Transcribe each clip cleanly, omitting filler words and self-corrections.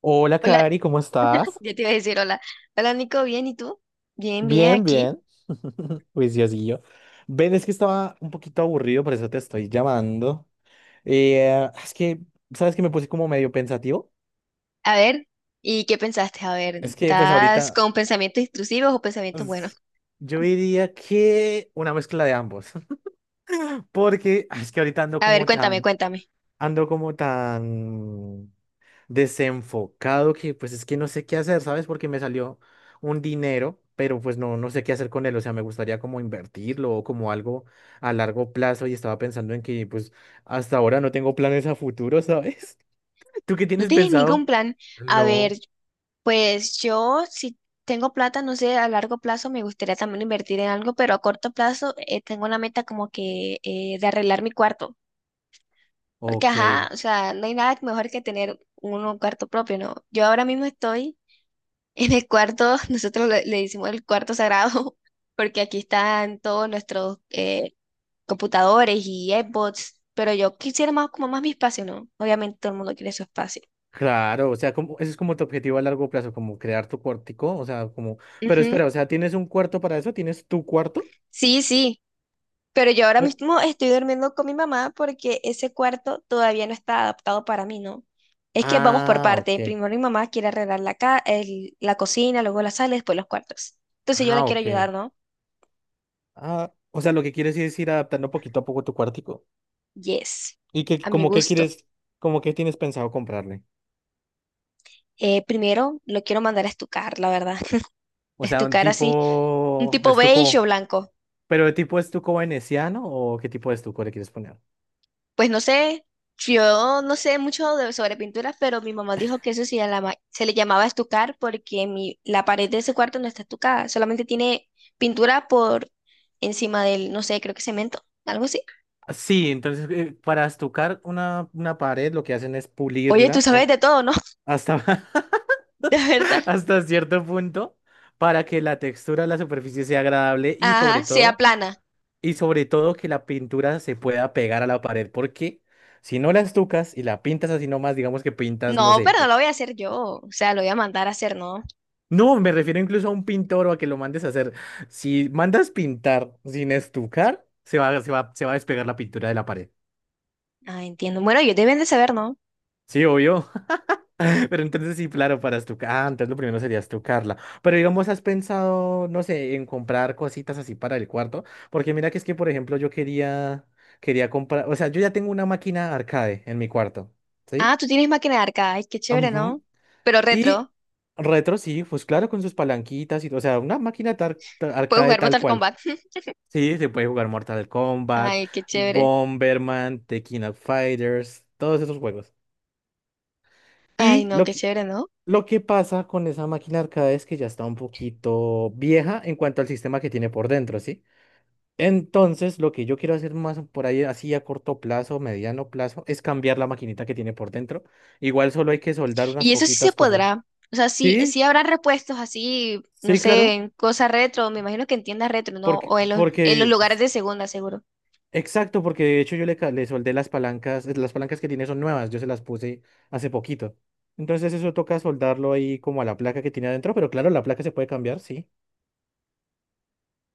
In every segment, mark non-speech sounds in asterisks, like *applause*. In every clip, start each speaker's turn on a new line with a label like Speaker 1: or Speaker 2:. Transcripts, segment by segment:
Speaker 1: Hola,
Speaker 2: Hola,
Speaker 1: Cari, ¿cómo estás?
Speaker 2: ya te iba a decir hola. Hola Nico, bien, ¿y tú? Bien, bien,
Speaker 1: Bien,
Speaker 2: aquí.
Speaker 1: bien. *laughs* Juiciosillo. Ven, es que estaba un poquito aburrido, por eso te estoy llamando. Es que, ¿sabes que me puse como medio pensativo?
Speaker 2: A ver, ¿y qué pensaste? A ver,
Speaker 1: Es que, pues
Speaker 2: ¿estás
Speaker 1: ahorita,
Speaker 2: con pensamientos intrusivos o pensamientos buenos?
Speaker 1: pues, yo diría que una mezcla de ambos. *laughs* Porque es que ahorita
Speaker 2: A ver, cuéntame, cuéntame.
Speaker 1: ando como tan desenfocado que pues es que no sé qué hacer, ¿sabes? Porque me salió un dinero, pero pues no, no sé qué hacer con él, o sea, me gustaría como invertirlo o como algo a largo plazo y estaba pensando en que pues hasta ahora no tengo planes a futuro, ¿sabes? *laughs* ¿Tú qué
Speaker 2: ¿No
Speaker 1: tienes
Speaker 2: tienes ningún
Speaker 1: pensado?
Speaker 2: plan? A ver,
Speaker 1: No,
Speaker 2: pues yo si tengo plata, no sé, a largo plazo me gustaría también invertir en algo, pero a corto plazo tengo la meta como que de arreglar mi cuarto. Porque, ajá,
Speaker 1: ok.
Speaker 2: o sea, no hay nada mejor que tener uno un cuarto propio, ¿no? Yo ahora mismo estoy en el cuarto, *laughs* nosotros le decimos el cuarto sagrado, *laughs* porque aquí están todos nuestros computadores y Xbox, pero yo quisiera más como más mi espacio, ¿no? Obviamente todo el mundo quiere su espacio.
Speaker 1: Claro, o sea, como, ese es como tu objetivo a largo plazo, como crear tu cuartico, o sea, como, pero
Speaker 2: Ujú.
Speaker 1: espera, o sea, ¿tienes un cuarto para eso? ¿Tienes tu cuarto?
Speaker 2: Sí, sí, pero yo ahora
Speaker 1: Eh,
Speaker 2: mismo estoy durmiendo con mi mamá porque ese cuarto todavía no está adaptado para mí, ¿no? Es que vamos por
Speaker 1: Ah,
Speaker 2: parte.
Speaker 1: ok.
Speaker 2: Primero mi mamá quiere arreglar la cocina, luego la sala, y después los cuartos. Entonces yo la
Speaker 1: Ah,
Speaker 2: quiero
Speaker 1: ok.
Speaker 2: ayudar, ¿no?
Speaker 1: Ah, o sea, lo que quieres es ir adaptando poquito a poco tu cuartico.
Speaker 2: Yes,
Speaker 1: ¿Y que
Speaker 2: a mi
Speaker 1: como que
Speaker 2: gusto.
Speaker 1: quieres, como que tienes pensado comprarle?
Speaker 2: Primero lo quiero mandar a estucar, la verdad. *laughs*
Speaker 1: O sea, un
Speaker 2: Estucar así, un
Speaker 1: tipo
Speaker 2: tipo beige o
Speaker 1: estuco,
Speaker 2: blanco.
Speaker 1: pero ¿de tipo estuco veneciano o qué tipo de estuco le quieres poner?
Speaker 2: Pues no sé, yo no sé sobre pinturas, pero mi mamá dijo que eso se le llamaba estucar porque la pared de ese cuarto no está estucada, solamente tiene pintura por encima del, no sé, creo que cemento, algo así.
Speaker 1: Ah, sí, entonces para estucar una pared lo que hacen es
Speaker 2: Oye, tú
Speaker 1: pulirla
Speaker 2: sabes de todo, ¿no? *laughs*
Speaker 1: hasta,
Speaker 2: De verdad.
Speaker 1: *laughs* hasta cierto punto para que la textura de la superficie sea agradable y sobre
Speaker 2: Ajá, sea
Speaker 1: todo,
Speaker 2: plana.
Speaker 1: y sobre todo que la pintura se pueda pegar a la pared, porque si no la estucas y la pintas así nomás, digamos que pintas, no
Speaker 2: No,
Speaker 1: sé.
Speaker 2: pero no lo voy a hacer yo, o sea, lo voy a mandar a hacer, ¿no?
Speaker 1: No, me refiero incluso a un pintor o a que lo mandes a hacer. Si mandas pintar sin estucar, se va, se va, se va a despegar la pintura de la pared.
Speaker 2: Ah, entiendo. Bueno, ellos deben de saber, ¿no?
Speaker 1: Sí, obvio. *laughs* Pero entonces sí, claro, para estucar. Ah, entonces lo primero sería estucarla. Pero digamos, ¿has pensado, no sé, en comprar cositas así para el cuarto? Porque mira que es que, por ejemplo, yo quería, quería comprar, o sea, yo ya tengo una máquina arcade en mi cuarto. ¿Sí?
Speaker 2: Ah, tú tienes máquina de arcade. Ay, qué chévere, ¿no?
Speaker 1: Ujú.
Speaker 2: Pero
Speaker 1: Y
Speaker 2: retro.
Speaker 1: retro, sí, pues claro, con sus palanquitas y, o sea, una máquina
Speaker 2: Puedes
Speaker 1: arcade
Speaker 2: jugar
Speaker 1: tal
Speaker 2: Mortal
Speaker 1: cual.
Speaker 2: Kombat.
Speaker 1: Sí, se puede jugar Mortal
Speaker 2: *laughs*
Speaker 1: Kombat,
Speaker 2: Ay, qué chévere.
Speaker 1: Bomberman, The King of Fighters, todos esos juegos.
Speaker 2: Ay,
Speaker 1: Y
Speaker 2: no, qué chévere, ¿no?
Speaker 1: lo que pasa con esa máquina arcade es que ya está un poquito vieja en cuanto al sistema que tiene por dentro, ¿sí? Entonces, lo que yo quiero hacer más por ahí, así a corto plazo, mediano plazo, es cambiar la maquinita que tiene por dentro. Igual solo hay que soldar unas
Speaker 2: Y eso sí se
Speaker 1: poquitas cosas.
Speaker 2: podrá. O sea, sí,
Speaker 1: Sí,
Speaker 2: sí habrá repuestos así, no
Speaker 1: sí,
Speaker 2: sé,
Speaker 1: claro.
Speaker 2: en cosas retro. Me imagino que en tiendas retro, ¿no?
Speaker 1: Porque,
Speaker 2: O en los
Speaker 1: porque,
Speaker 2: lugares de segunda, seguro.
Speaker 1: exacto, porque de hecho yo le, le soldé las palancas que tiene son nuevas, yo se las puse hace poquito. Entonces eso toca soldarlo ahí como a la placa que tiene adentro, pero claro, la placa se puede cambiar, sí.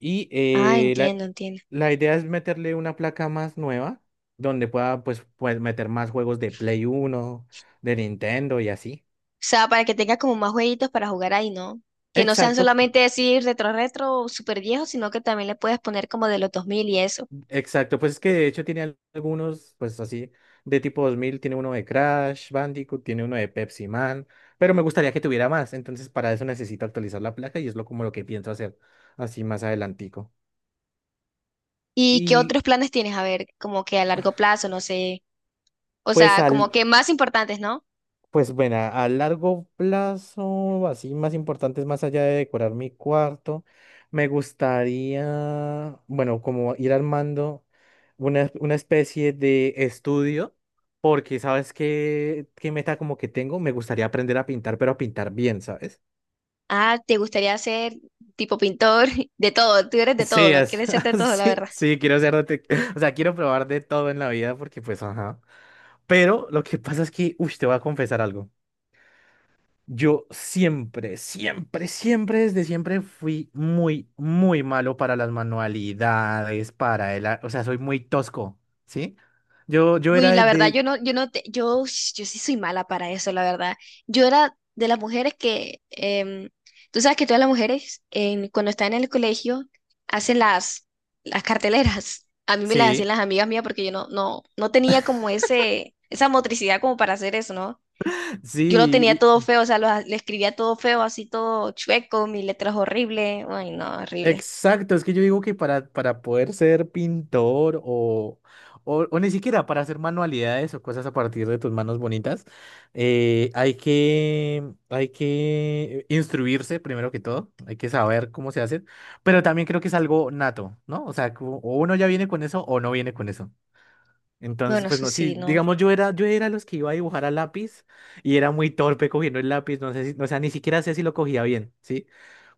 Speaker 1: Y
Speaker 2: Ah, entiendo, entiendo.
Speaker 1: la idea es meterle una placa más nueva, donde pueda pues, pues meter más juegos de Play Uno, de Nintendo y así.
Speaker 2: O sea, para que tengas como más jueguitos para jugar ahí, ¿no? Que no sean
Speaker 1: Exacto,
Speaker 2: solamente decir retro, retro, súper viejos, sino que también le puedes poner como de los 2000 y eso.
Speaker 1: exacto, pues es que de hecho tiene algunos, pues así, de tipo 2000, tiene uno de Crash Bandicoot, tiene uno de Pepsi Man, pero me gustaría que tuviera más, entonces para eso necesito actualizar la placa y es lo como lo que pienso hacer así más adelantico.
Speaker 2: ¿Y qué
Speaker 1: Y
Speaker 2: otros planes tienes? A ver, como que a largo plazo, no sé. O
Speaker 1: pues
Speaker 2: sea, como
Speaker 1: al,
Speaker 2: que más importantes, ¿no?
Speaker 1: Pues bueno, a largo plazo, así más importantes, más allá de decorar mi cuarto, me gustaría, bueno, como ir armando una especie de estudio, porque sabes qué, qué meta como que tengo, me gustaría aprender a pintar, pero a pintar bien, ¿sabes?
Speaker 2: Ah, te gustaría ser tipo pintor, *laughs* de todo, tú eres de
Speaker 1: Sí,
Speaker 2: todo, ¿no? Quieres ser de
Speaker 1: *laughs*
Speaker 2: todo, la
Speaker 1: sí,
Speaker 2: verdad.
Speaker 1: sí, quiero ser, *laughs* o sea, quiero probar de todo en la vida, porque pues, ajá. Pero lo que pasa es que, uy, te voy a confesar algo. Yo siempre, siempre, siempre, desde siempre fui muy, muy malo para las manualidades, para el, o sea, soy muy tosco, ¿sí? Yo,
Speaker 2: Uy, la verdad, yo no te, yo sí soy mala para eso, la verdad. Yo era de las mujeres que, tú sabes que todas las mujeres, cuando están en el colegio, hacen las carteleras. A mí me las hacían
Speaker 1: sí,
Speaker 2: las amigas mías porque yo no, no, no tenía como esa motricidad como para hacer eso, ¿no?
Speaker 1: *laughs*
Speaker 2: Yo lo tenía
Speaker 1: sí.
Speaker 2: todo feo, o sea, le escribía todo feo, así todo chueco, mis letras horribles, ay, no, horrible.
Speaker 1: Exacto, es que yo digo que para poder ser pintor o ni siquiera para hacer manualidades o cosas a partir de tus manos bonitas, hay que instruirse primero que todo, hay que saber cómo se hace, pero también creo que es algo nato, ¿no? O sea, como o uno ya viene con eso o no viene con eso. Entonces,
Speaker 2: Bueno,
Speaker 1: pues
Speaker 2: eso
Speaker 1: no, sí,
Speaker 2: sí, no.
Speaker 1: digamos, yo era los que iba a dibujar a lápiz y era muy torpe cogiendo el lápiz, no sé si, o sea, ni siquiera sé si lo cogía bien, ¿sí?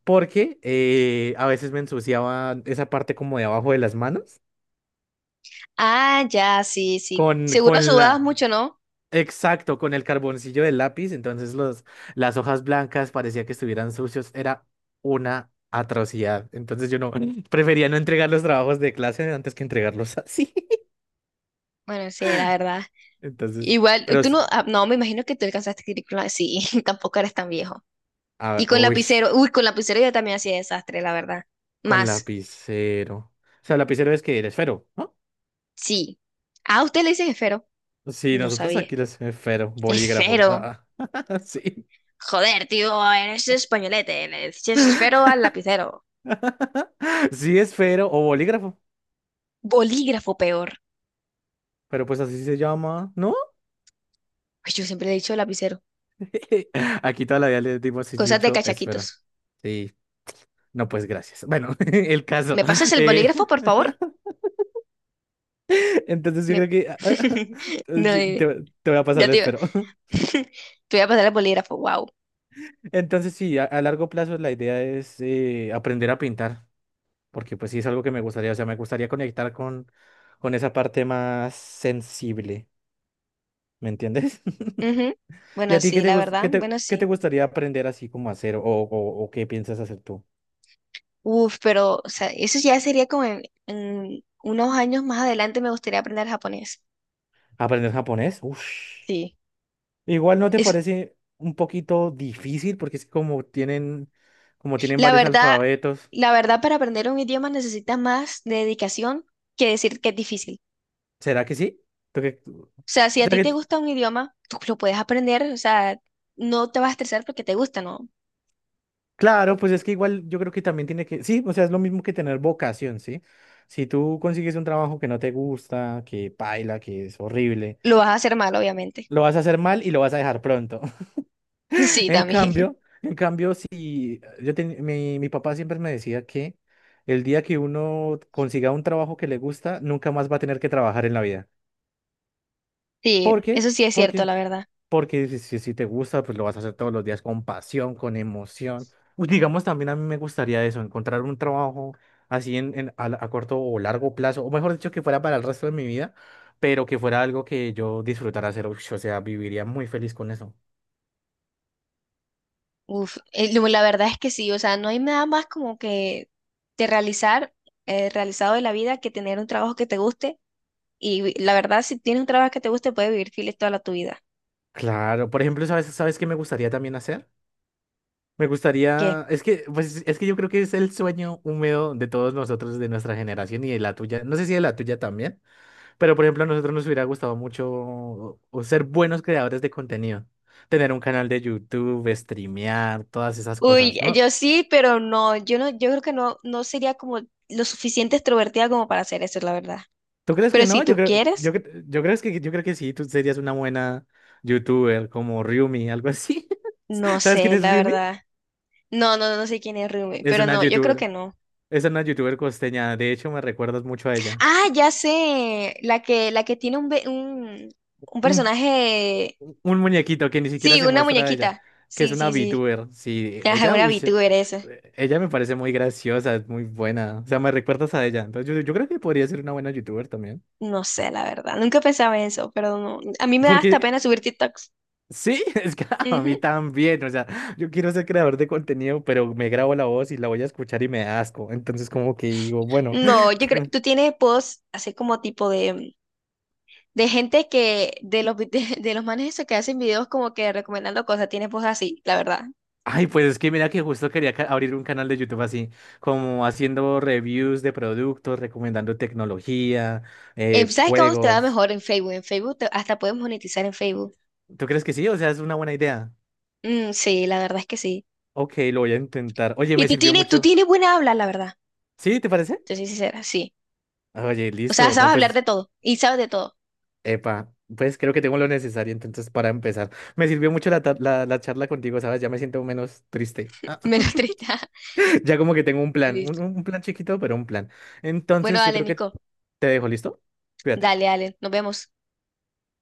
Speaker 1: Porque a veces me ensuciaba esa parte como de abajo de las manos
Speaker 2: Ah, ya, sí, sí. Seguro
Speaker 1: con
Speaker 2: sudabas
Speaker 1: la…
Speaker 2: mucho, ¿no?
Speaker 1: exacto, con el carboncillo del lápiz, entonces los, las hojas blancas parecía que estuvieran sucios, era una atrocidad. Entonces yo no *laughs* prefería no entregar los trabajos de clase antes que entregarlos así. *laughs*
Speaker 2: Bueno, sí, la verdad.
Speaker 1: Entonces,
Speaker 2: Igual,
Speaker 1: pero
Speaker 2: tú no, ah, no, me imagino que tú alcanzaste a escribir con sí, *laughs* tampoco eres tan viejo. Y con
Speaker 1: uy,
Speaker 2: lapicero, uy, con lapicero yo también hacía desastre, la verdad.
Speaker 1: con
Speaker 2: Más,
Speaker 1: lapicero. O sea, lapicero es que eres fero, ¿no?
Speaker 2: sí. Ah, ¿usted le dicen esfero?
Speaker 1: Sí,
Speaker 2: No
Speaker 1: nosotros
Speaker 2: sabía.
Speaker 1: aquí los fero, bolígrafo.
Speaker 2: Esfero.
Speaker 1: Ah, ah, *laughs* sí.
Speaker 2: Joder, tío, eres españolete, le dices esfero al lapicero.
Speaker 1: *laughs* Sí, esfero o bolígrafo,
Speaker 2: Bolígrafo peor.
Speaker 1: pero pues así se llama, ¿no?
Speaker 2: Ay, yo siempre le he dicho lapicero.
Speaker 1: *laughs* Aquí toda la vida le dimos el
Speaker 2: Cosas de
Speaker 1: dicho
Speaker 2: cachaquitos.
Speaker 1: esfera. Sí, no, pues gracias. Bueno, *laughs* el caso.
Speaker 2: ¿Me pasas el
Speaker 1: eh,
Speaker 2: bolígrafo, por favor?
Speaker 1: *laughs* entonces yo
Speaker 2: Me-
Speaker 1: creo que
Speaker 2: *laughs*
Speaker 1: *laughs*
Speaker 2: No,
Speaker 1: te,
Speaker 2: dime.
Speaker 1: te voy a pasar
Speaker 2: Ya
Speaker 1: el
Speaker 2: te iba.
Speaker 1: esfero. *laughs*
Speaker 2: *laughs* Te voy a pasar el bolígrafo, wow.
Speaker 1: Entonces sí, a largo plazo la idea es aprender a pintar, porque pues sí es algo que me gustaría, o sea, me gustaría conectar con esa parte más sensible, ¿me entiendes? *laughs*
Speaker 2: Ujú.
Speaker 1: ¿Y
Speaker 2: Bueno,
Speaker 1: a ti qué
Speaker 2: sí,
Speaker 1: te,
Speaker 2: la verdad,
Speaker 1: qué te,
Speaker 2: bueno,
Speaker 1: qué te
Speaker 2: sí.
Speaker 1: gustaría aprender así como hacer o qué piensas hacer tú?
Speaker 2: Uf, pero o sea, eso ya sería como en unos años más adelante me gustaría aprender japonés.
Speaker 1: ¿Aprender japonés? Ush.
Speaker 2: Sí.
Speaker 1: Igual no te
Speaker 2: Es,
Speaker 1: parece un poquito difícil porque es como tienen
Speaker 2: la
Speaker 1: varios
Speaker 2: verdad,
Speaker 1: alfabetos.
Speaker 2: la verdad, para aprender un idioma necesitas más dedicación que decir que es difícil.
Speaker 1: ¿Será que sí? ¿Tú qué-
Speaker 2: O sea, si
Speaker 1: o
Speaker 2: a
Speaker 1: sea
Speaker 2: ti te
Speaker 1: que-
Speaker 2: gusta un idioma, tú lo puedes aprender, o sea, no te vas a estresar porque te gusta, ¿no?
Speaker 1: claro, pues es que igual yo creo que también tiene que, sí, o sea, es lo mismo que tener vocación, ¿sí? Si tú consigues un trabajo que no te gusta, que paila, que es horrible,
Speaker 2: Lo vas a hacer mal, obviamente.
Speaker 1: lo vas a hacer mal y lo vas a dejar pronto.
Speaker 2: *laughs* Sí, también.
Speaker 1: En cambio, si yo mi, mi papá siempre me decía que el día que uno consiga un trabajo que le gusta, nunca más va a tener que trabajar en la vida.
Speaker 2: Sí,
Speaker 1: ¿Por qué?
Speaker 2: eso sí es cierto,
Speaker 1: Porque,
Speaker 2: la verdad.
Speaker 1: porque si, si te gusta, pues lo vas a hacer todos los días con pasión, con emoción. Pues digamos, también a mí me gustaría eso, encontrar un trabajo así en, a corto o largo plazo, o mejor dicho, que fuera para el resto de mi vida, pero que fuera algo que yo disfrutara hacer. Ush, o sea, viviría muy feliz con eso.
Speaker 2: Uf, la verdad es que sí, o sea, no hay nada más como que de realizar, realizado de la vida que tener un trabajo que te guste. Y la verdad, si tienes un trabajo que te guste, puedes vivir feliz toda la tu vida.
Speaker 1: Claro, por ejemplo, ¿sabes, sabes qué me gustaría también hacer? Me
Speaker 2: ¿Qué?
Speaker 1: gustaría, es que, pues, es que yo creo que es el sueño húmedo de todos nosotros, de nuestra generación y de la tuya. No sé si de la tuya también, pero por ejemplo, a nosotros nos hubiera gustado mucho o ser buenos creadores de contenido, tener un canal de YouTube, streamear, todas esas
Speaker 2: Uy,
Speaker 1: cosas, ¿no?
Speaker 2: yo sí, pero no, yo creo que no, no sería como lo suficiente extrovertida como para hacer eso, la verdad.
Speaker 1: ¿Tú crees que
Speaker 2: Pero si
Speaker 1: no? Yo
Speaker 2: tú
Speaker 1: creo, yo,
Speaker 2: quieres.
Speaker 1: yo creo que sí, tú serías una buena YouTuber como Ryumi, algo así.
Speaker 2: No
Speaker 1: *laughs* ¿Sabes quién
Speaker 2: sé,
Speaker 1: es
Speaker 2: la
Speaker 1: Ryumi?
Speaker 2: verdad. No, no, no sé quién es Rume,
Speaker 1: Es
Speaker 2: pero
Speaker 1: una
Speaker 2: no, yo creo
Speaker 1: YouTuber,
Speaker 2: que no.
Speaker 1: es una YouTuber costeña. De hecho, me recuerdas mucho a ella.
Speaker 2: Ah, ya sé, la que tiene un personaje,
Speaker 1: Un muñequito que ni siquiera
Speaker 2: sí,
Speaker 1: se
Speaker 2: una
Speaker 1: muestra a ella,
Speaker 2: muñequita.
Speaker 1: que es
Speaker 2: Sí,
Speaker 1: una
Speaker 2: sí, sí.
Speaker 1: VTuber. Sí,
Speaker 2: Ajá,
Speaker 1: ella,
Speaker 2: una
Speaker 1: uy,
Speaker 2: VTuber esa.
Speaker 1: ella me parece muy graciosa, es muy buena. O sea, me recuerdas a ella. Entonces, yo creo que podría ser una buena YouTuber también.
Speaker 2: No sé, la verdad. Nunca pensaba en eso, pero no. A mí me da hasta
Speaker 1: Porque
Speaker 2: pena subir TikToks.
Speaker 1: sí, *laughs* es que a
Speaker 2: Ujú.
Speaker 1: mí también. O sea, yo quiero ser creador de contenido, pero me grabo la voz y la voy a escuchar y me da asco. Entonces, como que digo, bueno.
Speaker 2: No, yo creo, tú
Speaker 1: *laughs*
Speaker 2: tienes posts así como tipo de gente que, *laughs* de los manes esos que hacen videos como que recomendando cosas, tienes posts así, la verdad.
Speaker 1: Ay, pues es que mira que justo quería abrir un canal de YouTube así, como haciendo reviews de productos, recomendando tecnología,
Speaker 2: ¿Sabes cómo te va
Speaker 1: juegos.
Speaker 2: mejor en Facebook? En hasta puedes monetizar en Facebook.
Speaker 1: ¿Tú crees que sí? O sea, es una buena idea.
Speaker 2: Mm, sí, la verdad es que sí.
Speaker 1: Ok, lo voy a intentar. Oye,
Speaker 2: Y
Speaker 1: me sirvió
Speaker 2: tú
Speaker 1: mucho.
Speaker 2: tienes buena habla, la verdad.
Speaker 1: ¿Sí? ¿Te parece?
Speaker 2: Te soy sincera, sí.
Speaker 1: Oye,
Speaker 2: O sea,
Speaker 1: listo. No,
Speaker 2: sabes hablar
Speaker 1: pues,
Speaker 2: de todo y sabes de todo.
Speaker 1: epa, pues creo que tengo lo necesario entonces para empezar. Me sirvió mucho la, la, la charla contigo, ¿sabes? Ya me siento menos triste.
Speaker 2: *laughs* Menos triste. *laughs*
Speaker 1: *laughs* Ya como que tengo
Speaker 2: Listo.
Speaker 1: un plan chiquito, pero un plan.
Speaker 2: Bueno,
Speaker 1: Entonces, yo
Speaker 2: dale,
Speaker 1: creo que
Speaker 2: Nico.
Speaker 1: te dejo, ¿listo?
Speaker 2: Dale,
Speaker 1: Cuídate.
Speaker 2: dale. Nos vemos.